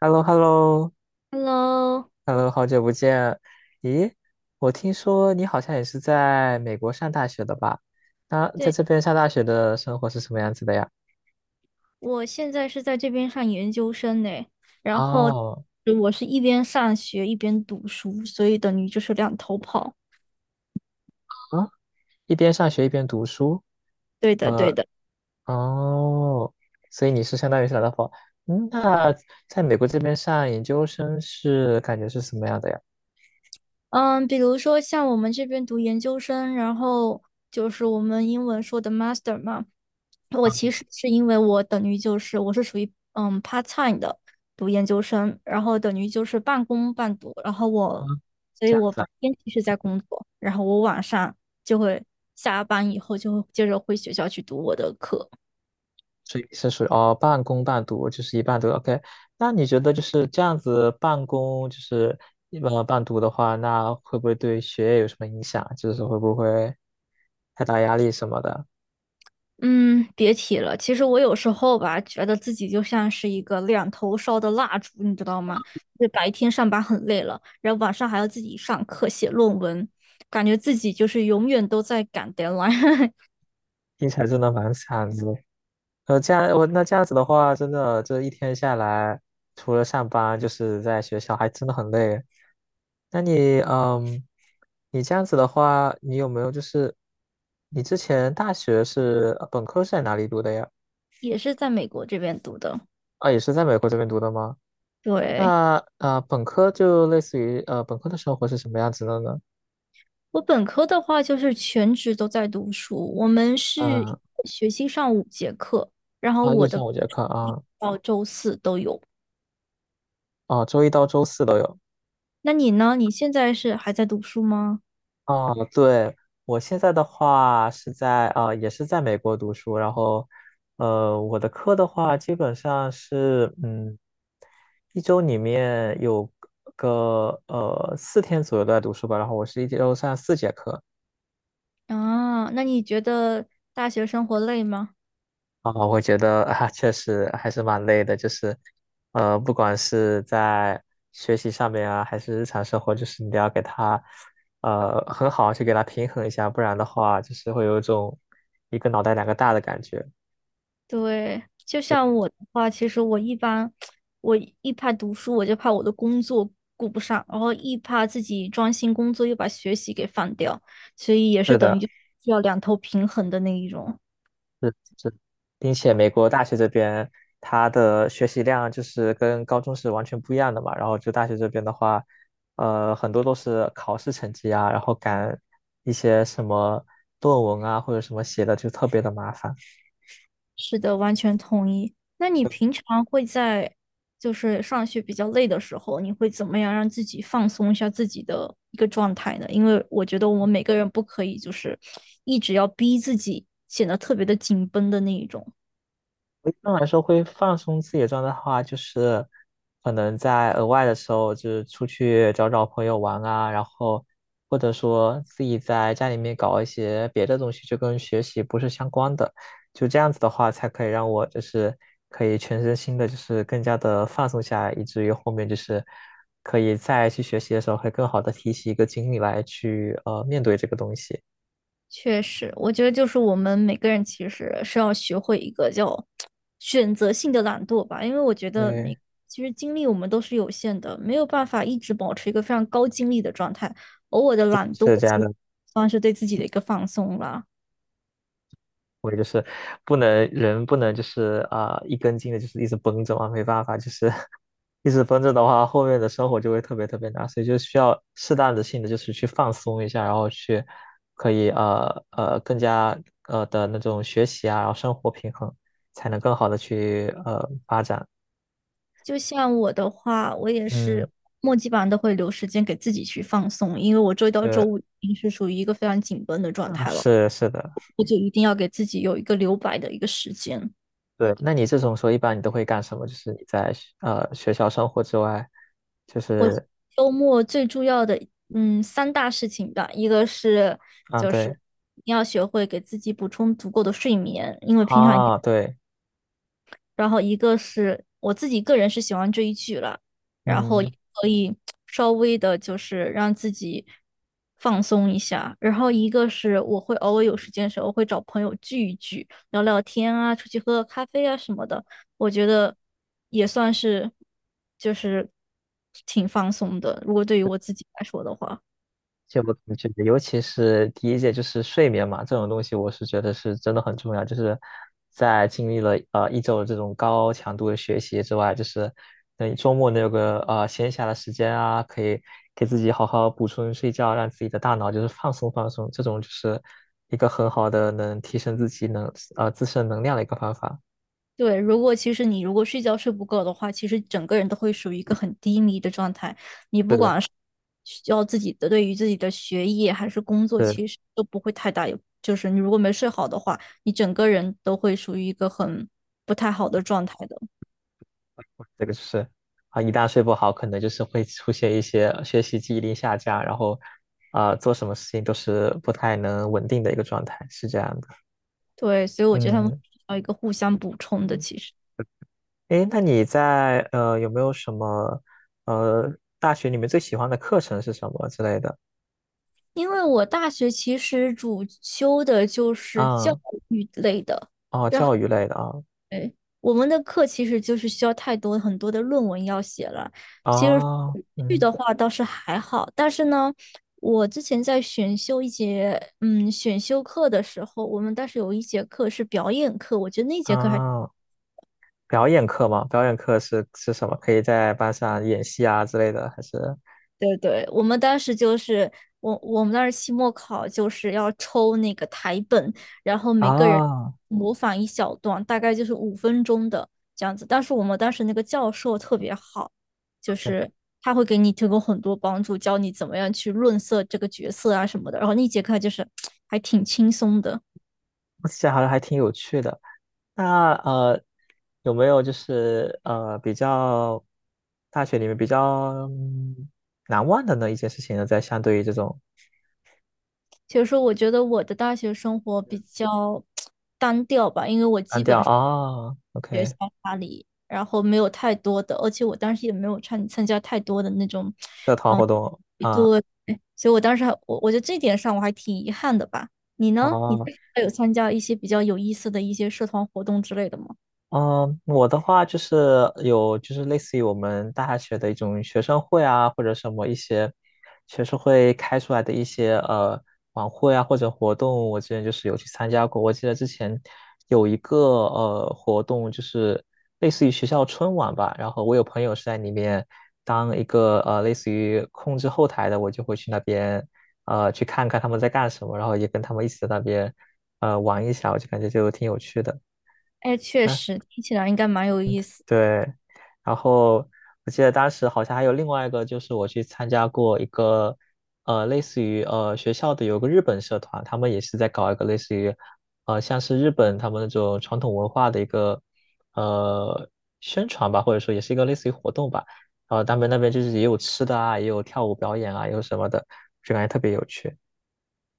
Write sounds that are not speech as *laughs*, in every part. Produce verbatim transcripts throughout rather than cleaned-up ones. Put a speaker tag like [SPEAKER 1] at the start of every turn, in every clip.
[SPEAKER 1] h e l l o h e l l o
[SPEAKER 2] Hello，
[SPEAKER 1] h e l l o 好久不见。咦，我听说你好像也是在美国上大学的吧？那在
[SPEAKER 2] 对，
[SPEAKER 1] 这边上大学的生活是什么样子的呀？
[SPEAKER 2] 我现在是在这边上研究生呢，然后
[SPEAKER 1] 哦，
[SPEAKER 2] 我是一边上学一边读书，所以等于就是两头跑。
[SPEAKER 1] 啊，一边上学一边读书，
[SPEAKER 2] 对的，对
[SPEAKER 1] 呃，
[SPEAKER 2] 的。
[SPEAKER 1] 哦，所以你是相当于是来到法，嗯，那在美国这边上研究生是感觉是什么样的呀？
[SPEAKER 2] 嗯，比如说像我们这边读研究生，然后就是我们英文说的 master 嘛，我
[SPEAKER 1] 啊
[SPEAKER 2] 其实是因为我等于就是我是属于嗯 part time 的读研究生，然后等于就是半工半读，然后
[SPEAKER 1] 啊，
[SPEAKER 2] 我，所以
[SPEAKER 1] 这样
[SPEAKER 2] 我
[SPEAKER 1] 子啊。
[SPEAKER 2] 白天其实在工作，然后我晚上就会下班以后就会接着回学校去读我的课。
[SPEAKER 1] 所以是属于哦半工半读，就是一半读。OK，那你觉得就是这样子半工就是一半半读的话，那会不会对学业有什么影响？就是会不会太大压力什么的？
[SPEAKER 2] 嗯，别提了。其实我有时候吧，觉得自己就像是一个两头烧的蜡烛，你知道吗？就白天上班很累了，然后晚上还要自己上课写论文，感觉自己就是永远都在赶 deadline。*laughs*
[SPEAKER 1] 听起来真的蛮惨的。呃，这样我那这样子的话，真的这一天下来，除了上班就是在学校，还真的很累。那你嗯，你这样子的话，你有没有就是你之前大学是呃本科是在哪里读的呀？
[SPEAKER 2] 也是在美国这边读的。
[SPEAKER 1] 啊，也是在美国这边读的吗？那
[SPEAKER 2] 对，
[SPEAKER 1] 啊，呃本科就类似于呃，本科的生活是什么样子的呢？
[SPEAKER 2] 我本科的话就是全职都在读书，我们是一
[SPEAKER 1] 嗯，
[SPEAKER 2] 个学期上五节课，然后
[SPEAKER 1] 啊，就
[SPEAKER 2] 我的
[SPEAKER 1] 像我节课啊，
[SPEAKER 2] 到周四都有。
[SPEAKER 1] 啊，周一到周四都有。
[SPEAKER 2] 那你呢？你现在是还在读书吗？
[SPEAKER 1] 啊，对，我现在的话是在啊，也是在美国读书，然后呃，我的课的话基本上是嗯，一周里面有个呃四天左右都在读书吧，然后我是一周上四节课，
[SPEAKER 2] 啊，那你觉得大学生活累吗？
[SPEAKER 1] 啊，我觉得啊，确实还是蛮累的，就是，呃，不管是在学习上面啊，还是日常生活，就是你都要给他，呃，很好去给他平衡一下，不然的话，就是会有一种一个脑袋两个大的感觉。
[SPEAKER 2] 对，就
[SPEAKER 1] *laughs*
[SPEAKER 2] 像我的话，其实我一般，我一怕读书，我就怕我的工作顾不上，然后一怕自己专心工作又把学习给放掉，所以也是
[SPEAKER 1] 是
[SPEAKER 2] 等于
[SPEAKER 1] 的，
[SPEAKER 2] 就需要两头平衡的那一种。
[SPEAKER 1] 是是，并且美国大学这边它的学习量就是跟高中是完全不一样的嘛。然后就大学这边的话，呃，很多都是考试成绩啊，然后赶一些什么论文啊或者什么写的就特别的麻烦。
[SPEAKER 2] 是的，完全同意。那你平常会在就是上学比较累的时候，你会怎么样让自己放松一下自己的一个状态呢？因为我觉得我们每个人不可以就是一直要逼自己，显得特别的紧绷的那一种。
[SPEAKER 1] 我一般来说会放松自己的状态的话，就是可能在额外的时候，就是出去找找朋友玩啊，然后或者说自己在家里面搞一些别的东西，就跟学习不是相关的，就这样子的话，才可以让我就是可以全身心的，就是更加的放松下来，以至于后面就是可以再去学习的时候，会更好的提起一个精力来去呃面对这个东西。
[SPEAKER 2] 确实，我觉得就是我们每个人其实是要学会一个叫选择性的懒惰吧，因为我觉得
[SPEAKER 1] 对，
[SPEAKER 2] 每其实精力我们都是有限的，没有办法一直保持一个非常高精力的状态，偶尔的懒惰
[SPEAKER 1] 是这样
[SPEAKER 2] 其实
[SPEAKER 1] 的。
[SPEAKER 2] 算是对自己的一个放松啦。
[SPEAKER 1] 我就是不能人不能就是啊、一根筋的，就是一直绷着嘛，没办法，就是 *laughs* 一直绷着的话，后面的生活就会特别特别难，所以就需要适当的性的就是去放松一下，然后去可以呃呃更加呃的那种学习啊，然后生活平衡，才能更好的去呃发展。
[SPEAKER 2] 就像我的话，我也
[SPEAKER 1] 嗯，
[SPEAKER 2] 是末基本上都会留时间给自己去放松，因为我周一到周
[SPEAKER 1] 呃
[SPEAKER 2] 五已经是属于一个非常紧绷的状
[SPEAKER 1] 啊
[SPEAKER 2] 态了，
[SPEAKER 1] 是是的，
[SPEAKER 2] 我就一定要给自己有一个留白的一个时间。
[SPEAKER 1] 对。那你这种时候一般你都会干什么？就是你在学呃学校生活之外，就是
[SPEAKER 2] 周末最重要的，嗯，三大事情吧，一个是
[SPEAKER 1] 啊
[SPEAKER 2] 就是
[SPEAKER 1] 对
[SPEAKER 2] 你要学会给自己补充足够的睡眠，因为平常
[SPEAKER 1] 啊对。
[SPEAKER 2] 然后一个是我自己个人是喜欢追剧了，然后也
[SPEAKER 1] 嗯，
[SPEAKER 2] 可以稍微的就是让自己放松一下，然后一个是我会偶尔有时间的时候会找朋友聚一聚，聊聊天啊，出去喝个咖啡啊什么的，我觉得也算是就是挺放松的，如果对于我自己来说的话。
[SPEAKER 1] 这我感觉，尤其是第一届，就是睡眠嘛，这种东西，我是觉得是真的很重要。就是在经历了呃一周的这种高强度的学习之外，就是等你周末能有个呃闲暇的时间啊，可以给自己好好补充睡觉，让自己的大脑就是放松放松，这种就是一个很好的能提升自己能呃自身能量的一个方法。
[SPEAKER 2] 对，如果其实你如果睡觉睡不够的话，其实整个人都会属于一个很低迷的状态。你
[SPEAKER 1] 对
[SPEAKER 2] 不
[SPEAKER 1] 的，
[SPEAKER 2] 管是需要自己的对于自己的学业还是工作，
[SPEAKER 1] 是的
[SPEAKER 2] 其实都不会太大有。就是你如果没睡好的话，你整个人都会属于一个很不太好的状态的。
[SPEAKER 1] 这个就是啊，一旦睡不好，可能就是会出现一些学习记忆力下降，然后啊、做什么事情都是不太能稳定的一个状态，是这样的。
[SPEAKER 2] 对，所以我觉得他们
[SPEAKER 1] 嗯
[SPEAKER 2] 需要一个互相补充的。
[SPEAKER 1] 嗯，
[SPEAKER 2] 其实，
[SPEAKER 1] 诶，那你在呃有没有什么呃大学里面最喜欢的课程是什么之类的？
[SPEAKER 2] 因为我大学其实主修的就是教
[SPEAKER 1] 啊
[SPEAKER 2] 育类的。
[SPEAKER 1] 哦，
[SPEAKER 2] 然后。
[SPEAKER 1] 教育类的啊
[SPEAKER 2] 对，我们的课其实就是需要太多很多的论文要写了。其实
[SPEAKER 1] 哦
[SPEAKER 2] 剧的
[SPEAKER 1] 嗯
[SPEAKER 2] 话倒是还好，但是呢，我之前在选修一节嗯选修课的时候，我们当时有一节课是表演课，我觉得那节课还。
[SPEAKER 1] 啊，表演课吗？表演课是是什么？可以在班上演戏啊之类的，还是
[SPEAKER 2] 对对，我们当时就是我我们当时期末考就是要抽那个台本，然后每个人
[SPEAKER 1] 啊？
[SPEAKER 2] 模仿一小段，大概就是五分钟的这样子。但是我们当时那个教授特别好，就
[SPEAKER 1] 对，
[SPEAKER 2] 是他会给你提供很多帮助，教你怎么样去润色这个角色啊什么的。然后那节课就是 *tsk* 还挺轻松的。
[SPEAKER 1] 我这好像还挺有趣的。那呃，有没有就是呃比较大学里面比较嗯难忘的呢一件事情呢？在相对于这种
[SPEAKER 2] 所以说，我觉得我的大学生活比较 *tsk* 单调吧，因为我
[SPEAKER 1] 单
[SPEAKER 2] 基
[SPEAKER 1] 调
[SPEAKER 2] 本
[SPEAKER 1] 啊，OK，
[SPEAKER 2] 然后没有太多的，而且我当时也没有参参加太多的那种，
[SPEAKER 1] 社团
[SPEAKER 2] 嗯，
[SPEAKER 1] 活动啊，
[SPEAKER 2] 对，所以我当时还我我觉得这点上我还挺遗憾的吧。你呢？你
[SPEAKER 1] 哦，
[SPEAKER 2] 还有参加一些比较有意思的一些社团活动之类的吗？
[SPEAKER 1] 嗯，我的话就是有，就是类似于我们大学的一种学生会啊，或者什么一些学生会开出来的一些呃晚会啊或者活动，我之前就是有去参加过。我记得之前有一个呃活动，就是类似于学校春晚吧，然后我有朋友是在里面当一个呃类似于控制后台的，我就会去那边呃去看看他们在干什么，然后也跟他们一起在那边呃玩一下，我就感觉就挺有趣的。
[SPEAKER 2] 哎，确实听起来应该蛮有意思。
[SPEAKER 1] 对，然后我记得当时好像还有另外一个，就是我去参加过一个，呃，类似于呃学校的有个日本社团，他们也是在搞一个类似于，呃，像是日本他们那种传统文化的一个呃宣传吧，或者说也是一个类似于活动吧。然后他们那边就是也有吃的啊，也有跳舞表演啊，也有什么的，就感觉特别有趣。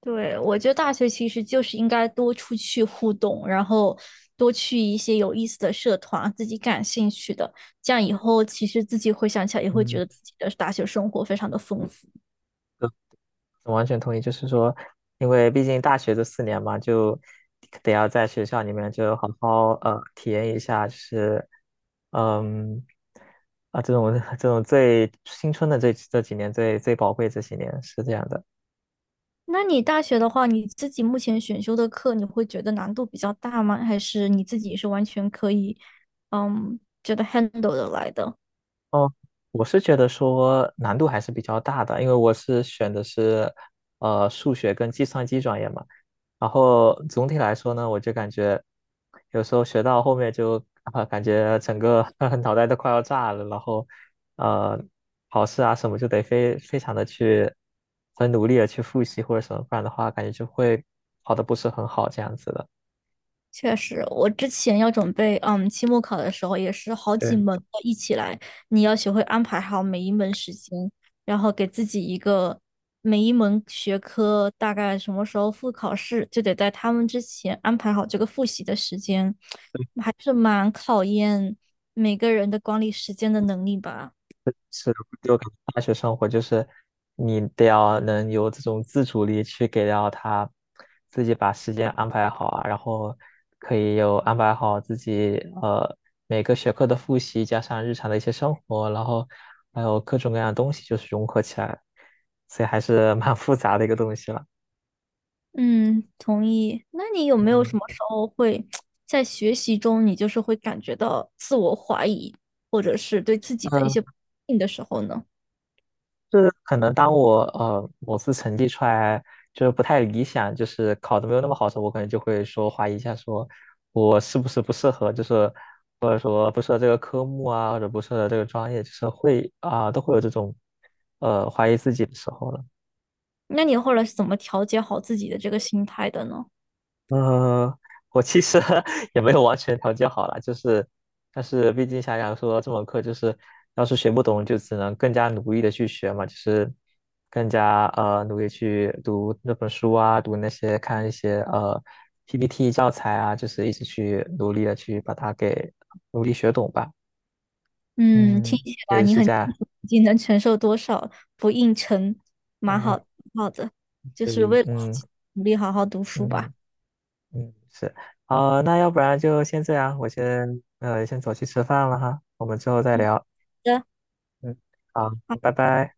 [SPEAKER 2] 对，我觉得大学其实就是应该多出去互动，然后多去一些有意思的社团，自己感兴趣的，这样以后其实自己回想起来也会觉得
[SPEAKER 1] 嗯，
[SPEAKER 2] 自己的大学生活非常的丰富。
[SPEAKER 1] 我完全同意，就是说，因为毕竟大学这四年嘛，就得要在学校里面就好好呃体验一下，就是嗯啊这种 *laughs* 这种最青春的这这几年最最宝贵这几年是这样的。
[SPEAKER 2] 那你大学的话，你自己目前选修的课，你会觉得难度比较大吗？还是你自己是完全可以，嗯，觉得 handle 的来的？
[SPEAKER 1] 哦，我是觉得说难度还是比较大的，因为我是选的是呃数学跟计算机专业嘛。然后总体来说呢，我就感觉有时候学到后面就啊、感觉整个 *laughs* 脑袋都快要炸了，然后呃考试啊什么就得非非常的去很努力的去复习或者什么，不然的话感觉就会考的不是很好这样子的。
[SPEAKER 2] 确实，我之前要准备，嗯，期末考的时候也是好几
[SPEAKER 1] 对。
[SPEAKER 2] 门要一起来，你要学会安排好每一门时间，然后给自己一个每一门学科大概什么时候复考试，就得在他们之前安排好这个复习的时间，还是蛮考验每个人的管理时间的能力吧。
[SPEAKER 1] 就感觉大学生活就是你得要能有这种自主力去给到他自己把时间安排好啊，然后可以有安排好自己呃每个学科的复习，加上日常的一些生活，然后还有各种各样的东西就是融合起来，所以还是蛮复杂的一个东西了。
[SPEAKER 2] 嗯，同意。那你有没有
[SPEAKER 1] 嗯，
[SPEAKER 2] 什么时候会 *tsk* 在学习中，你就是会感觉到自我怀疑，或者是对自己的一些不信的时候呢？
[SPEAKER 1] 就是可能当我呃某次成绩出来就是不太理想，就是考的没有那么好的时候，我可能就会说怀疑一下，说我是不是不适合，就是或者说不适合这个科目啊，或者不适合这个专业，就是会啊、都会有这种呃怀疑自己的时候了。
[SPEAKER 2] 那你后来是怎么调节好自己的这个心态的呢？
[SPEAKER 1] 呃，我其实 *laughs* 也没有完全调节好了，就是，但是毕竟想想说这门课就是，要是学不懂，就只能更加努力的去学嘛，就是更加呃努力去读那本书啊，读那些看一些呃 P P T 教材啊，就是一直去努力的去把它给努力学懂吧。
[SPEAKER 2] 嗯，听
[SPEAKER 1] 嗯，
[SPEAKER 2] 起来
[SPEAKER 1] 对，
[SPEAKER 2] 你
[SPEAKER 1] 是
[SPEAKER 2] 很
[SPEAKER 1] 这样。
[SPEAKER 2] 已经能承受多少不应承，蛮
[SPEAKER 1] 啊，
[SPEAKER 2] 好，蛮好的，就
[SPEAKER 1] 对，
[SPEAKER 2] 是为了
[SPEAKER 1] 嗯
[SPEAKER 2] 自己努力好好读书吧。
[SPEAKER 1] 嗯嗯，是。好，那要不然就先这样，我先呃先走去吃饭了哈，我们之后再
[SPEAKER 2] 嗯
[SPEAKER 1] 聊。嗯，好，
[SPEAKER 2] 好的。
[SPEAKER 1] 拜
[SPEAKER 2] 好
[SPEAKER 1] 拜。